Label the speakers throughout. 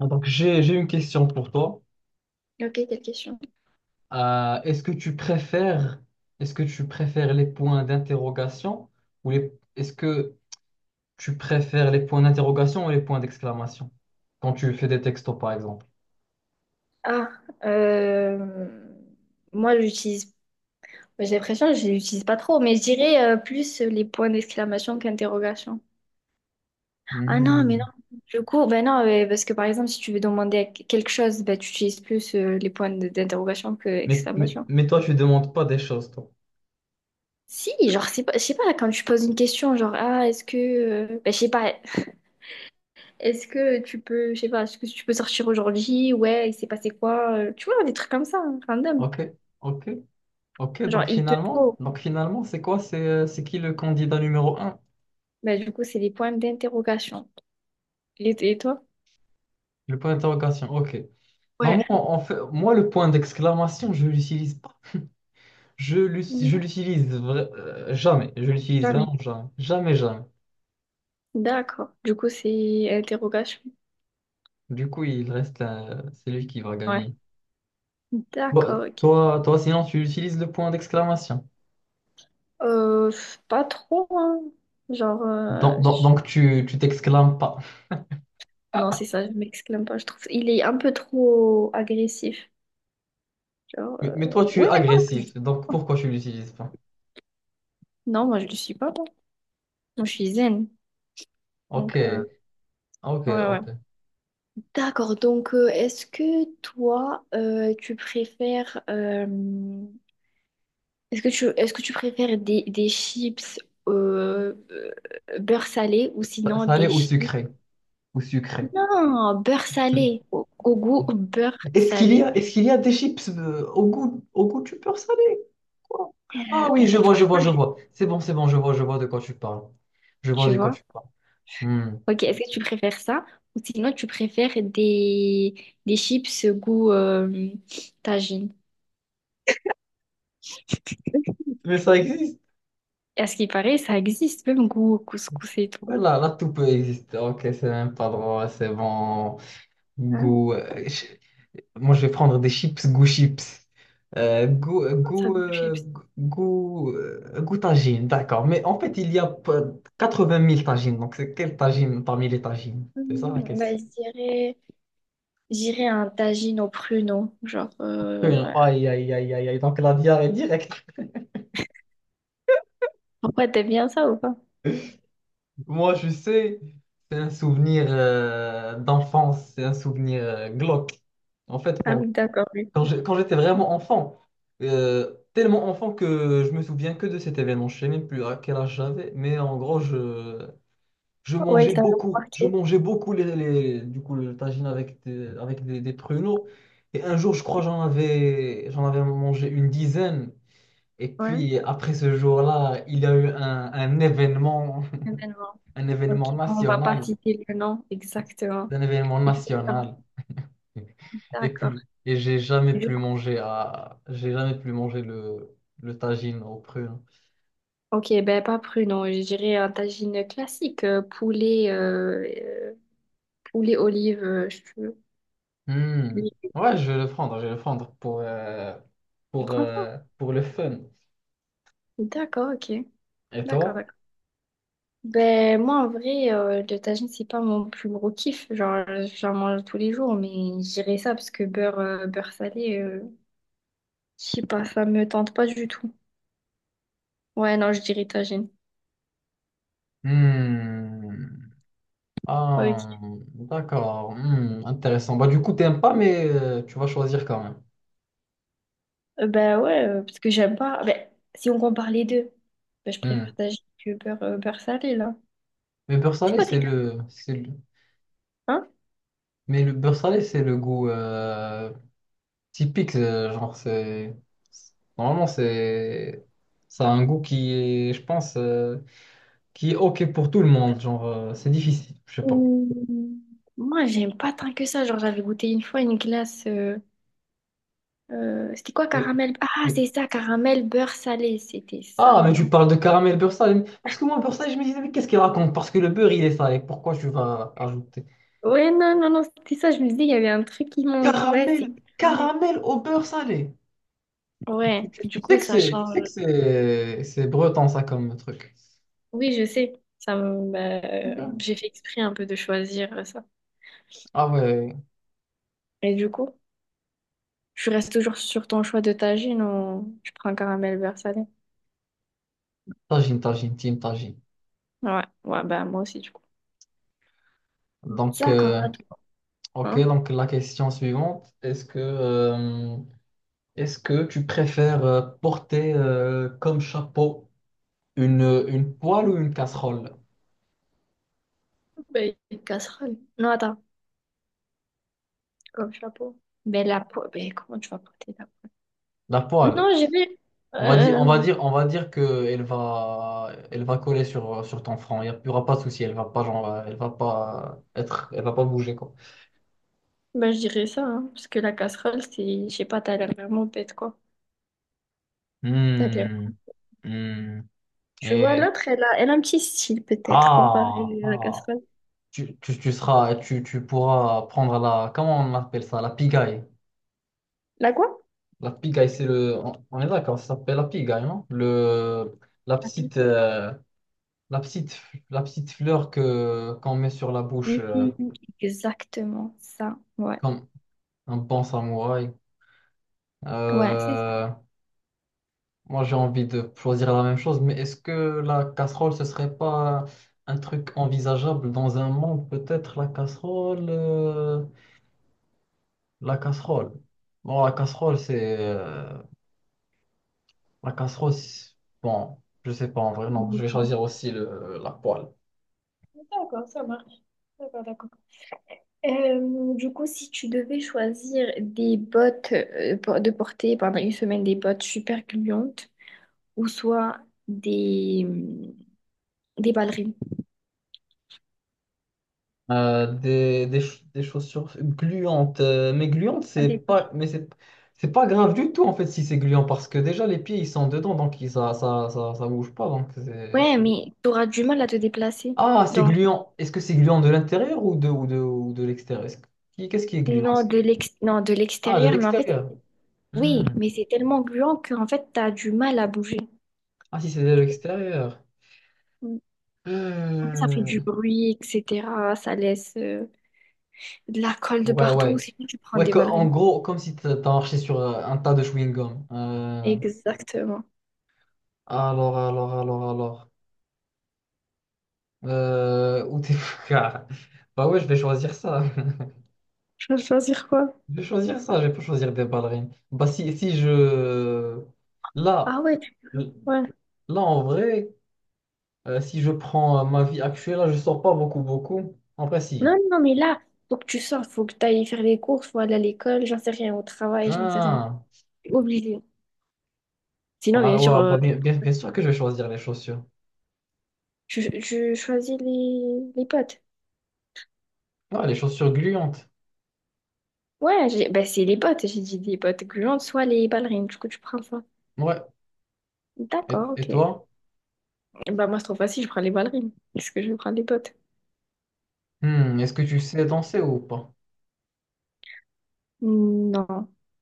Speaker 1: Donc j'ai une question pour toi.
Speaker 2: Ok, quelle question?
Speaker 1: Est-ce que tu préfères, est-ce que tu préfères les points d'interrogation ou les est-ce que tu préfères les points d'interrogation ou les points d'exclamation quand tu fais des textos par exemple?
Speaker 2: Ah, euh, Moi j'utilise, j'ai l'impression que je l'utilise pas trop, mais je dirais plus les points d'exclamation qu'interrogation. Ah non, mais
Speaker 1: Hmm.
Speaker 2: non, du coup, ben non, parce que par exemple, si tu veux demander à quelque chose, ben, tu utilises plus les points d'interrogation que
Speaker 1: Mais, mais,
Speaker 2: exclamation.
Speaker 1: mais toi tu demandes pas des choses toi.
Speaker 2: Si, genre, c'est pas, je sais pas, quand tu poses une question, genre, ah, est-ce que, ben, je sais pas, est-ce que tu peux, je sais pas, est-ce que tu peux sortir aujourd'hui? Ouais, il s'est passé quoi? Tu vois, des trucs comme ça, hein, random.
Speaker 1: OK? OK? OK,
Speaker 2: Genre,
Speaker 1: donc
Speaker 2: il te
Speaker 1: finalement,
Speaker 2: faut.
Speaker 1: donc finalement, c'est quoi? C'est qui le candidat numéro un?
Speaker 2: Bah, du coup, c'est des points d'interrogation. Et toi?
Speaker 1: Le point d'interrogation. OK. Bah,
Speaker 2: Ouais.
Speaker 1: moi, en fait, moi le point d'exclamation, je l'utilise. Je
Speaker 2: Non,
Speaker 1: l'utilise jamais. Je l'utilise
Speaker 2: jamais.
Speaker 1: vraiment jamais. Jamais, jamais.
Speaker 2: D'accord. Du coup, c'est interrogation.
Speaker 1: Du coup, il reste c'est lui qui va
Speaker 2: Ouais.
Speaker 1: gagner. Bah,
Speaker 2: D'accord. Ok.
Speaker 1: toi, toi, sinon, tu utilises le point d'exclamation.
Speaker 2: Pff, pas trop, hein. Genre, euh,
Speaker 1: Donc, donc,
Speaker 2: je-
Speaker 1: donc, tu t'exclames pas.
Speaker 2: non, c'est ça, je m'exclame pas. Je trouve il est un peu trop agressif. Genre,
Speaker 1: Mais toi,
Speaker 2: euh,
Speaker 1: tu es
Speaker 2: ouais, non.
Speaker 1: agressif. Donc, pourquoi tu l'utilises pas?
Speaker 2: Non, moi, je le suis pas. Moi, je suis zen.
Speaker 1: Ok,
Speaker 2: Donc, euh,
Speaker 1: ok,
Speaker 2: ouais, ouais.
Speaker 1: ok.
Speaker 2: D'accord. Donc, est-ce que toi, tu préfères. Est-ce que tu préfères des chips euh, euh, beurre salé ou
Speaker 1: Ça,
Speaker 2: sinon
Speaker 1: ça allait
Speaker 2: des
Speaker 1: au
Speaker 2: chips...
Speaker 1: sucré. Au sucré.
Speaker 2: Non, beurre salé, au, au goût beurre salé.
Speaker 1: Est-ce qu'il y a des chips au goût du beurre salé? Quoi? Ah
Speaker 2: Euh,
Speaker 1: oui,
Speaker 2: ben, franchement,
Speaker 1: je vois. C'est bon, je vois de quoi tu parles. Je vois
Speaker 2: tu
Speaker 1: de quoi
Speaker 2: vois.
Speaker 1: tu parles. Hmm.
Speaker 2: Ok, est-ce que tu préfères ça ou sinon tu préfères des chips goût tagine?
Speaker 1: Mais ça existe.
Speaker 2: Et à ce qui paraît, ça existe, même goût couscous et tout.
Speaker 1: Voilà là, tout peut exister. Ok, c'est même pas drôle, c'est bon.
Speaker 2: Hein,
Speaker 1: Goût. Moi, je vais prendre des chips, goût chips. Euh, goût, euh,
Speaker 2: comment ça
Speaker 1: goût,
Speaker 2: goût
Speaker 1: euh,
Speaker 2: chips?
Speaker 1: goût tagine, d'accord. Mais en fait, il y a pas- 80 000 tagines. Donc, c'est quelle tagine parmi les tagines? C'est ça
Speaker 2: Hmm,
Speaker 1: la question.
Speaker 2: ben, je dirais, j'irais un tagine au pruneau, genre... voilà.
Speaker 1: Aïe, aïe, aïe, aïe, aïe. Donc, la diarrhée directe.
Speaker 2: Pourquoi t'aimes bien ça ou pas?
Speaker 1: Moi, je sais, c'est un souvenir d'enfance, c'est un souvenir glauque. En fait,
Speaker 2: Ah
Speaker 1: bon,
Speaker 2: oui, d'accord, oui.
Speaker 1: Quand j'étais vraiment enfant, tellement enfant que je me souviens que de cet événement. Je sais même plus à quel âge j'avais, mais en gros, je
Speaker 2: Ouais, il
Speaker 1: mangeais
Speaker 2: t'a
Speaker 1: beaucoup. Je
Speaker 2: remarqué.
Speaker 1: mangeais beaucoup du coup, le tagine avec des pruneaux. Et un jour, je crois, j'en avais mangé une dizaine. Et
Speaker 2: Ouais,
Speaker 1: puis, après ce jour-là, il y a eu un événement,
Speaker 2: événement.
Speaker 1: un événement
Speaker 2: Ok, on va pas
Speaker 1: national,
Speaker 2: citer le nom exactement.
Speaker 1: un événement
Speaker 2: Et du coup, ça t'a marqué.
Speaker 1: national. Et
Speaker 2: D'accord.
Speaker 1: plus. Et j'ai jamais
Speaker 2: Du
Speaker 1: plus
Speaker 2: coup,
Speaker 1: mangé à... J'ai jamais plus mangé le tagine au prune.
Speaker 2: ok, ben pas pruneau, je dirais un tagine classique, poulet, poulet, olive, euh,
Speaker 1: Hmm.
Speaker 2: je-
Speaker 1: Ouais, je vais le prendre
Speaker 2: je prends ça.
Speaker 1: pour le fun.
Speaker 2: D'accord, ok.
Speaker 1: Et
Speaker 2: D'accord,
Speaker 1: toi?
Speaker 2: d'accord. Ben moi, en vrai, le tagine, c'est pas mon plus gros kiff. Genre, j'en mange tous les jours, mais je dirais ça parce que beurre, beurre salé, je sais pas, ça me tente pas du tout. Ouais, non, je dirais tagine.
Speaker 1: Hmm. Ah,
Speaker 2: Ok.
Speaker 1: d'accord. Hmm, intéressant. Bah, du coup, t'aimes pas, mais tu vas choisir quand
Speaker 2: Ben ouais, parce que j'aime pas. Ben, si on compare les deux, ben, je
Speaker 1: même. Hmm.
Speaker 2: préfère tagine que beurre, beurre salé, là.
Speaker 1: Mais beurre
Speaker 2: C'est
Speaker 1: salé,
Speaker 2: quoi, c'est
Speaker 1: c'est le-
Speaker 2: hein?
Speaker 1: Mais le beurre salé, c'est le goût. Typique, genre c'est normalement c'est ça a un goût qui est, je pense, qui est ok pour tout le monde. Genre c'est difficile, je sais pas.
Speaker 2: Ouh. Moi, j'aime pas tant que ça. Genre, j'avais goûté une fois une glace. C'était quoi,
Speaker 1: Et-
Speaker 2: caramel? Ah,
Speaker 1: mais-
Speaker 2: c'est ça, caramel beurre salé. C'était ça
Speaker 1: Ah,
Speaker 2: le
Speaker 1: mais tu
Speaker 2: nom.
Speaker 1: parles de caramel beurre salé. Parce que moi, beurre salé, je me disais, mais qu'est-ce qu'il raconte? Parce que le beurre, il est salé. Pourquoi tu vas ajouter
Speaker 2: Ouais, non, non, non, c'était ça. Je me disais, il y avait un truc qui manque. Ouais, c'est
Speaker 1: caramel,
Speaker 2: caramel.
Speaker 1: caramel au beurre salé?
Speaker 2: Ouais, du coup, ça
Speaker 1: Tu sais
Speaker 2: change.
Speaker 1: que c'est breton, ça, comme truc.
Speaker 2: Oui, je sais. Ça me... ben,
Speaker 1: Ok.
Speaker 2: j'ai fait exprès un peu de choisir ça.
Speaker 1: Ah ouais,
Speaker 2: Et du coup? Je reste toujours sur ton choix de tagine ou tu prends caramel beurre salé?
Speaker 1: tagine, tagine, team, tagine.
Speaker 2: Ouais, ouais, bah moi aussi du coup.
Speaker 1: Donc,
Speaker 2: D'accord, attends.
Speaker 1: ok,
Speaker 2: Hein?
Speaker 1: donc la question suivante, est-ce que tu préfères porter comme chapeau une, une poêle ou une casserole?
Speaker 2: Ben, une casserole. Non, attends. Comme chapeau. Ben la peau, ben comment tu vas porter la peau?
Speaker 1: La poêle.
Speaker 2: Non, j'ai vu. Euh,
Speaker 1: On va dire que elle va coller sur ton front. Il n'y aura pas de souci. Elle va pas, genre, elle va pas être, elle va pas bouger quoi.
Speaker 2: ben je dirais ça, hein, parce que la casserole, c'est, je sais pas, t'as l'air vraiment bête quoi. T'as l'air-
Speaker 1: Hmm, hmm.
Speaker 2: tu vois,
Speaker 1: Et
Speaker 2: l'autre, elle a, elle a un petit style peut-être
Speaker 1: ah,
Speaker 2: comparé à la
Speaker 1: ah.
Speaker 2: casserole.
Speaker 1: Tu pourras prendre la, comment on appelle ça, la pigaille.
Speaker 2: La quoi?
Speaker 1: La pigaille, c'est le. On est d'accord, ça s'appelle la pigaille, non? Le... La
Speaker 2: La
Speaker 1: petite,
Speaker 2: pizza.
Speaker 1: la petite, la petite fleur que qu'on met sur la bouche,
Speaker 2: Mhm, exactement ça, ouais,
Speaker 1: comme un bon samouraï.
Speaker 2: ouais. C'est ça.
Speaker 1: Euh, Moi, j'ai envie de choisir la même chose, mais est-ce que la casserole, ce serait pas un truc envisageable dans un monde? Peut-être la casserole. La casserole. Bon, la casserole, c'est. La casserole, c'est- bon, je sais pas en vrai, non. Je vais
Speaker 2: Mhm.
Speaker 1: choisir aussi le... la poêle.
Speaker 2: D'accord, ça marche. D'accord, d'accord. Du coup, si tu devais choisir des bottes de porter pendant une semaine des bottes super gluantes ou soit des, hum, des ballerines.
Speaker 1: Des chaussures gluantes. Mais gluantes,
Speaker 2: À des poches.
Speaker 1: c'est pas grave du tout en fait si c'est gluant parce que déjà les pieds ils sont dedans ça, ça bouge pas. Donc c'est...
Speaker 2: Ouais, mais tu auras du mal à te déplacer.
Speaker 1: Ah, c'est
Speaker 2: Genre,
Speaker 1: gluant. Est-ce que c'est gluant de l'intérieur ou ou de l'extérieur? Qu'est-ce qui est gluant?
Speaker 2: non,
Speaker 1: Est-ce-
Speaker 2: de l'ex non, de
Speaker 1: Ah, de
Speaker 2: l'extérieur, mais en fait,
Speaker 1: l'extérieur.
Speaker 2: oui,
Speaker 1: Hmm.
Speaker 2: mais c'est tellement gluant qu'en fait, t'as du mal à bouger.
Speaker 1: Ah, si c'est de l'extérieur.
Speaker 2: Mm. Ça fait
Speaker 1: Hmm.
Speaker 2: du bruit, etc. Ça laisse de la colle de
Speaker 1: Ouais,
Speaker 2: partout.
Speaker 1: ouais.
Speaker 2: Sinon, tu prends
Speaker 1: Ouais,
Speaker 2: des
Speaker 1: en
Speaker 2: ballerines.
Speaker 1: gros, comme si t'as marché sur un tas de chewing-gum.
Speaker 2: Exactement.
Speaker 1: Alors, alors, alors. Ou des Ah, bah ouais, je vais choisir ça.
Speaker 2: Je vais choisir quoi?
Speaker 1: Je vais choisir ça, je vais pas choisir des ballerines. Bah si, si je...
Speaker 2: Ah
Speaker 1: Là,
Speaker 2: ouais, ouais.
Speaker 1: là en vrai, si je prends ma vie actuelle, là, je sors pas beaucoup, beaucoup. En vrai,
Speaker 2: Non,
Speaker 1: si.
Speaker 2: non, mais là, faut que tu sortes, faut que tu ailles faire les courses, faut aller à l'école, j'en sais rien, au travail, j'en sais rien.
Speaker 1: Ah,
Speaker 2: T'es obligé. Sinon, bien
Speaker 1: bah,
Speaker 2: sûr,
Speaker 1: ouais, bien sûr que je vais choisir les chaussures.
Speaker 2: je choisis les potes.
Speaker 1: Ouais, les chaussures gluantes.
Speaker 2: Ouais, bah, c'est les potes, j'ai dit des potes gluantes, soit les ballerines, du coup, tu prends ça.
Speaker 1: Ouais.
Speaker 2: D'accord,
Speaker 1: Et
Speaker 2: ok.
Speaker 1: toi?
Speaker 2: Bah, moi, c'est trop facile, je prends les ballerines. Est-ce que je prends les potes?
Speaker 1: Hmm, est-ce que tu sais danser ou pas?
Speaker 2: Non,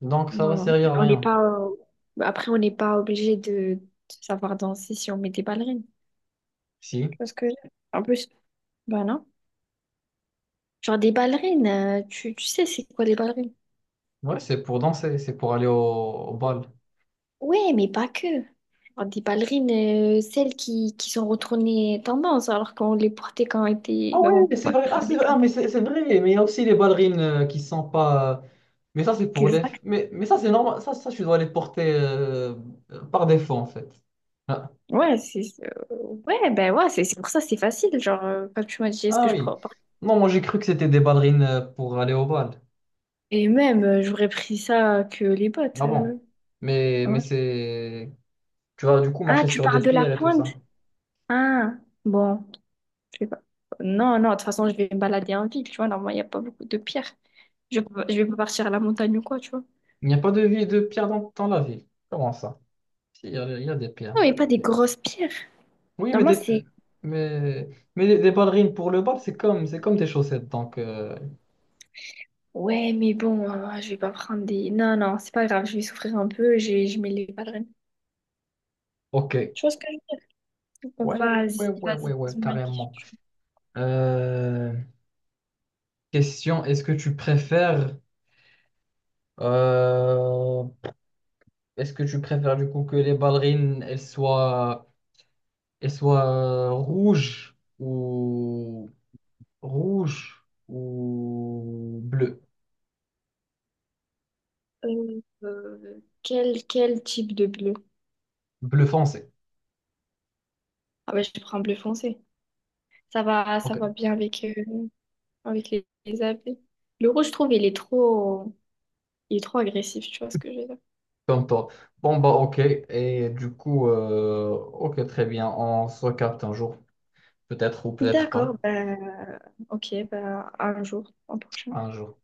Speaker 1: Donc ça va
Speaker 2: non, non.
Speaker 1: servir à
Speaker 2: On n'est
Speaker 1: rien.
Speaker 2: pas, bah, après, on n'est pas obligé de savoir danser si on met des ballerines. Tu
Speaker 1: Si.
Speaker 2: vois ce que je veux dire? En plus, bah non. Genre des ballerines, tu, tu sais c'est quoi les ballerines?
Speaker 1: Ouais, c'est pour danser, c'est pour aller au au bal.
Speaker 2: Ouais, mais pas que. Genre des ballerines, celles qui sont retournées tendance alors qu'on les portait quand on était...
Speaker 1: Ah
Speaker 2: Mais
Speaker 1: ouais,
Speaker 2: bon,
Speaker 1: mais
Speaker 2: pas pas
Speaker 1: c'est
Speaker 2: les
Speaker 1: vrai,
Speaker 2: cas.
Speaker 1: ah, mais c'est vrai, mais il y a aussi les ballerines qui sont pas. Mais ça, c'est pour les.
Speaker 2: Exact.
Speaker 1: Mais ça, c'est normal, tu dois les porter par défaut, en fait. Ah,
Speaker 2: Ouais, c'est... euh, ouais, ben ouais, c'est pour ça c'est facile. Genre, quand tu m'as dit est-ce
Speaker 1: ah
Speaker 2: que je
Speaker 1: oui.
Speaker 2: prends...
Speaker 1: Non, moi, j'ai cru que c'était des ballerines pour aller au bal.
Speaker 2: Et même, j'aurais pris ça que les bottes.
Speaker 1: Ah bon. Mais
Speaker 2: Ouais.
Speaker 1: c'est. Tu vas du coup
Speaker 2: Ah,
Speaker 1: marcher
Speaker 2: tu
Speaker 1: sur des
Speaker 2: parles de la
Speaker 1: pierres et tout
Speaker 2: pointe?
Speaker 1: ça.
Speaker 2: Ah, bon, je sais pas. Non, non, de toute façon, je vais me balader en ville, tu vois. Normalement, il n'y a pas beaucoup de pierres. Je vais pas partir à la montagne ou quoi, tu vois.
Speaker 1: Il n'y a pas de vie de pierre dans la ville. Comment ça? Si, il y a des pierres.
Speaker 2: Non, mais pas des grosses pierres.
Speaker 1: Oui, mais des.
Speaker 2: Normalement,
Speaker 1: Pu-
Speaker 2: c'est...
Speaker 1: Mais, mais des ballerines pour le bal, c'est comme des chaussettes, donc.
Speaker 2: Ouais, mais bon, je vais pas prendre des... Non, non, c'est pas grave, je vais souffrir un peu, je mets les ballerines.
Speaker 1: Ok.
Speaker 2: Tu vois ce que je veux
Speaker 1: Ouais,
Speaker 2: dire?
Speaker 1: ouais,
Speaker 2: Vas-y,
Speaker 1: ouais, ouais, ouais,
Speaker 2: vas-y,
Speaker 1: ouais,
Speaker 2: pose-moi une
Speaker 1: carrément.
Speaker 2: question.
Speaker 1: Euh, question, est-ce que tu préfères, euh, est-ce que tu préfères du coup que les ballerines, elles soient rouges ou rouges ou bleues,
Speaker 2: Quel, quel type de bleu?
Speaker 1: bleu foncé.
Speaker 2: Ah ben, je prends bleu foncé. Ça
Speaker 1: Ok,
Speaker 2: va bien avec, avec les habits. Le rouge, je trouve, il est trop... Il est trop agressif, tu vois ce que je veux dire?
Speaker 1: comme toi. Bon bah ok, et du coup, ok, très bien, on se capte un jour, peut-être ou peut-être pas,
Speaker 2: D'accord, ben... Ok, ben, un jour, un prochain.
Speaker 1: un jour.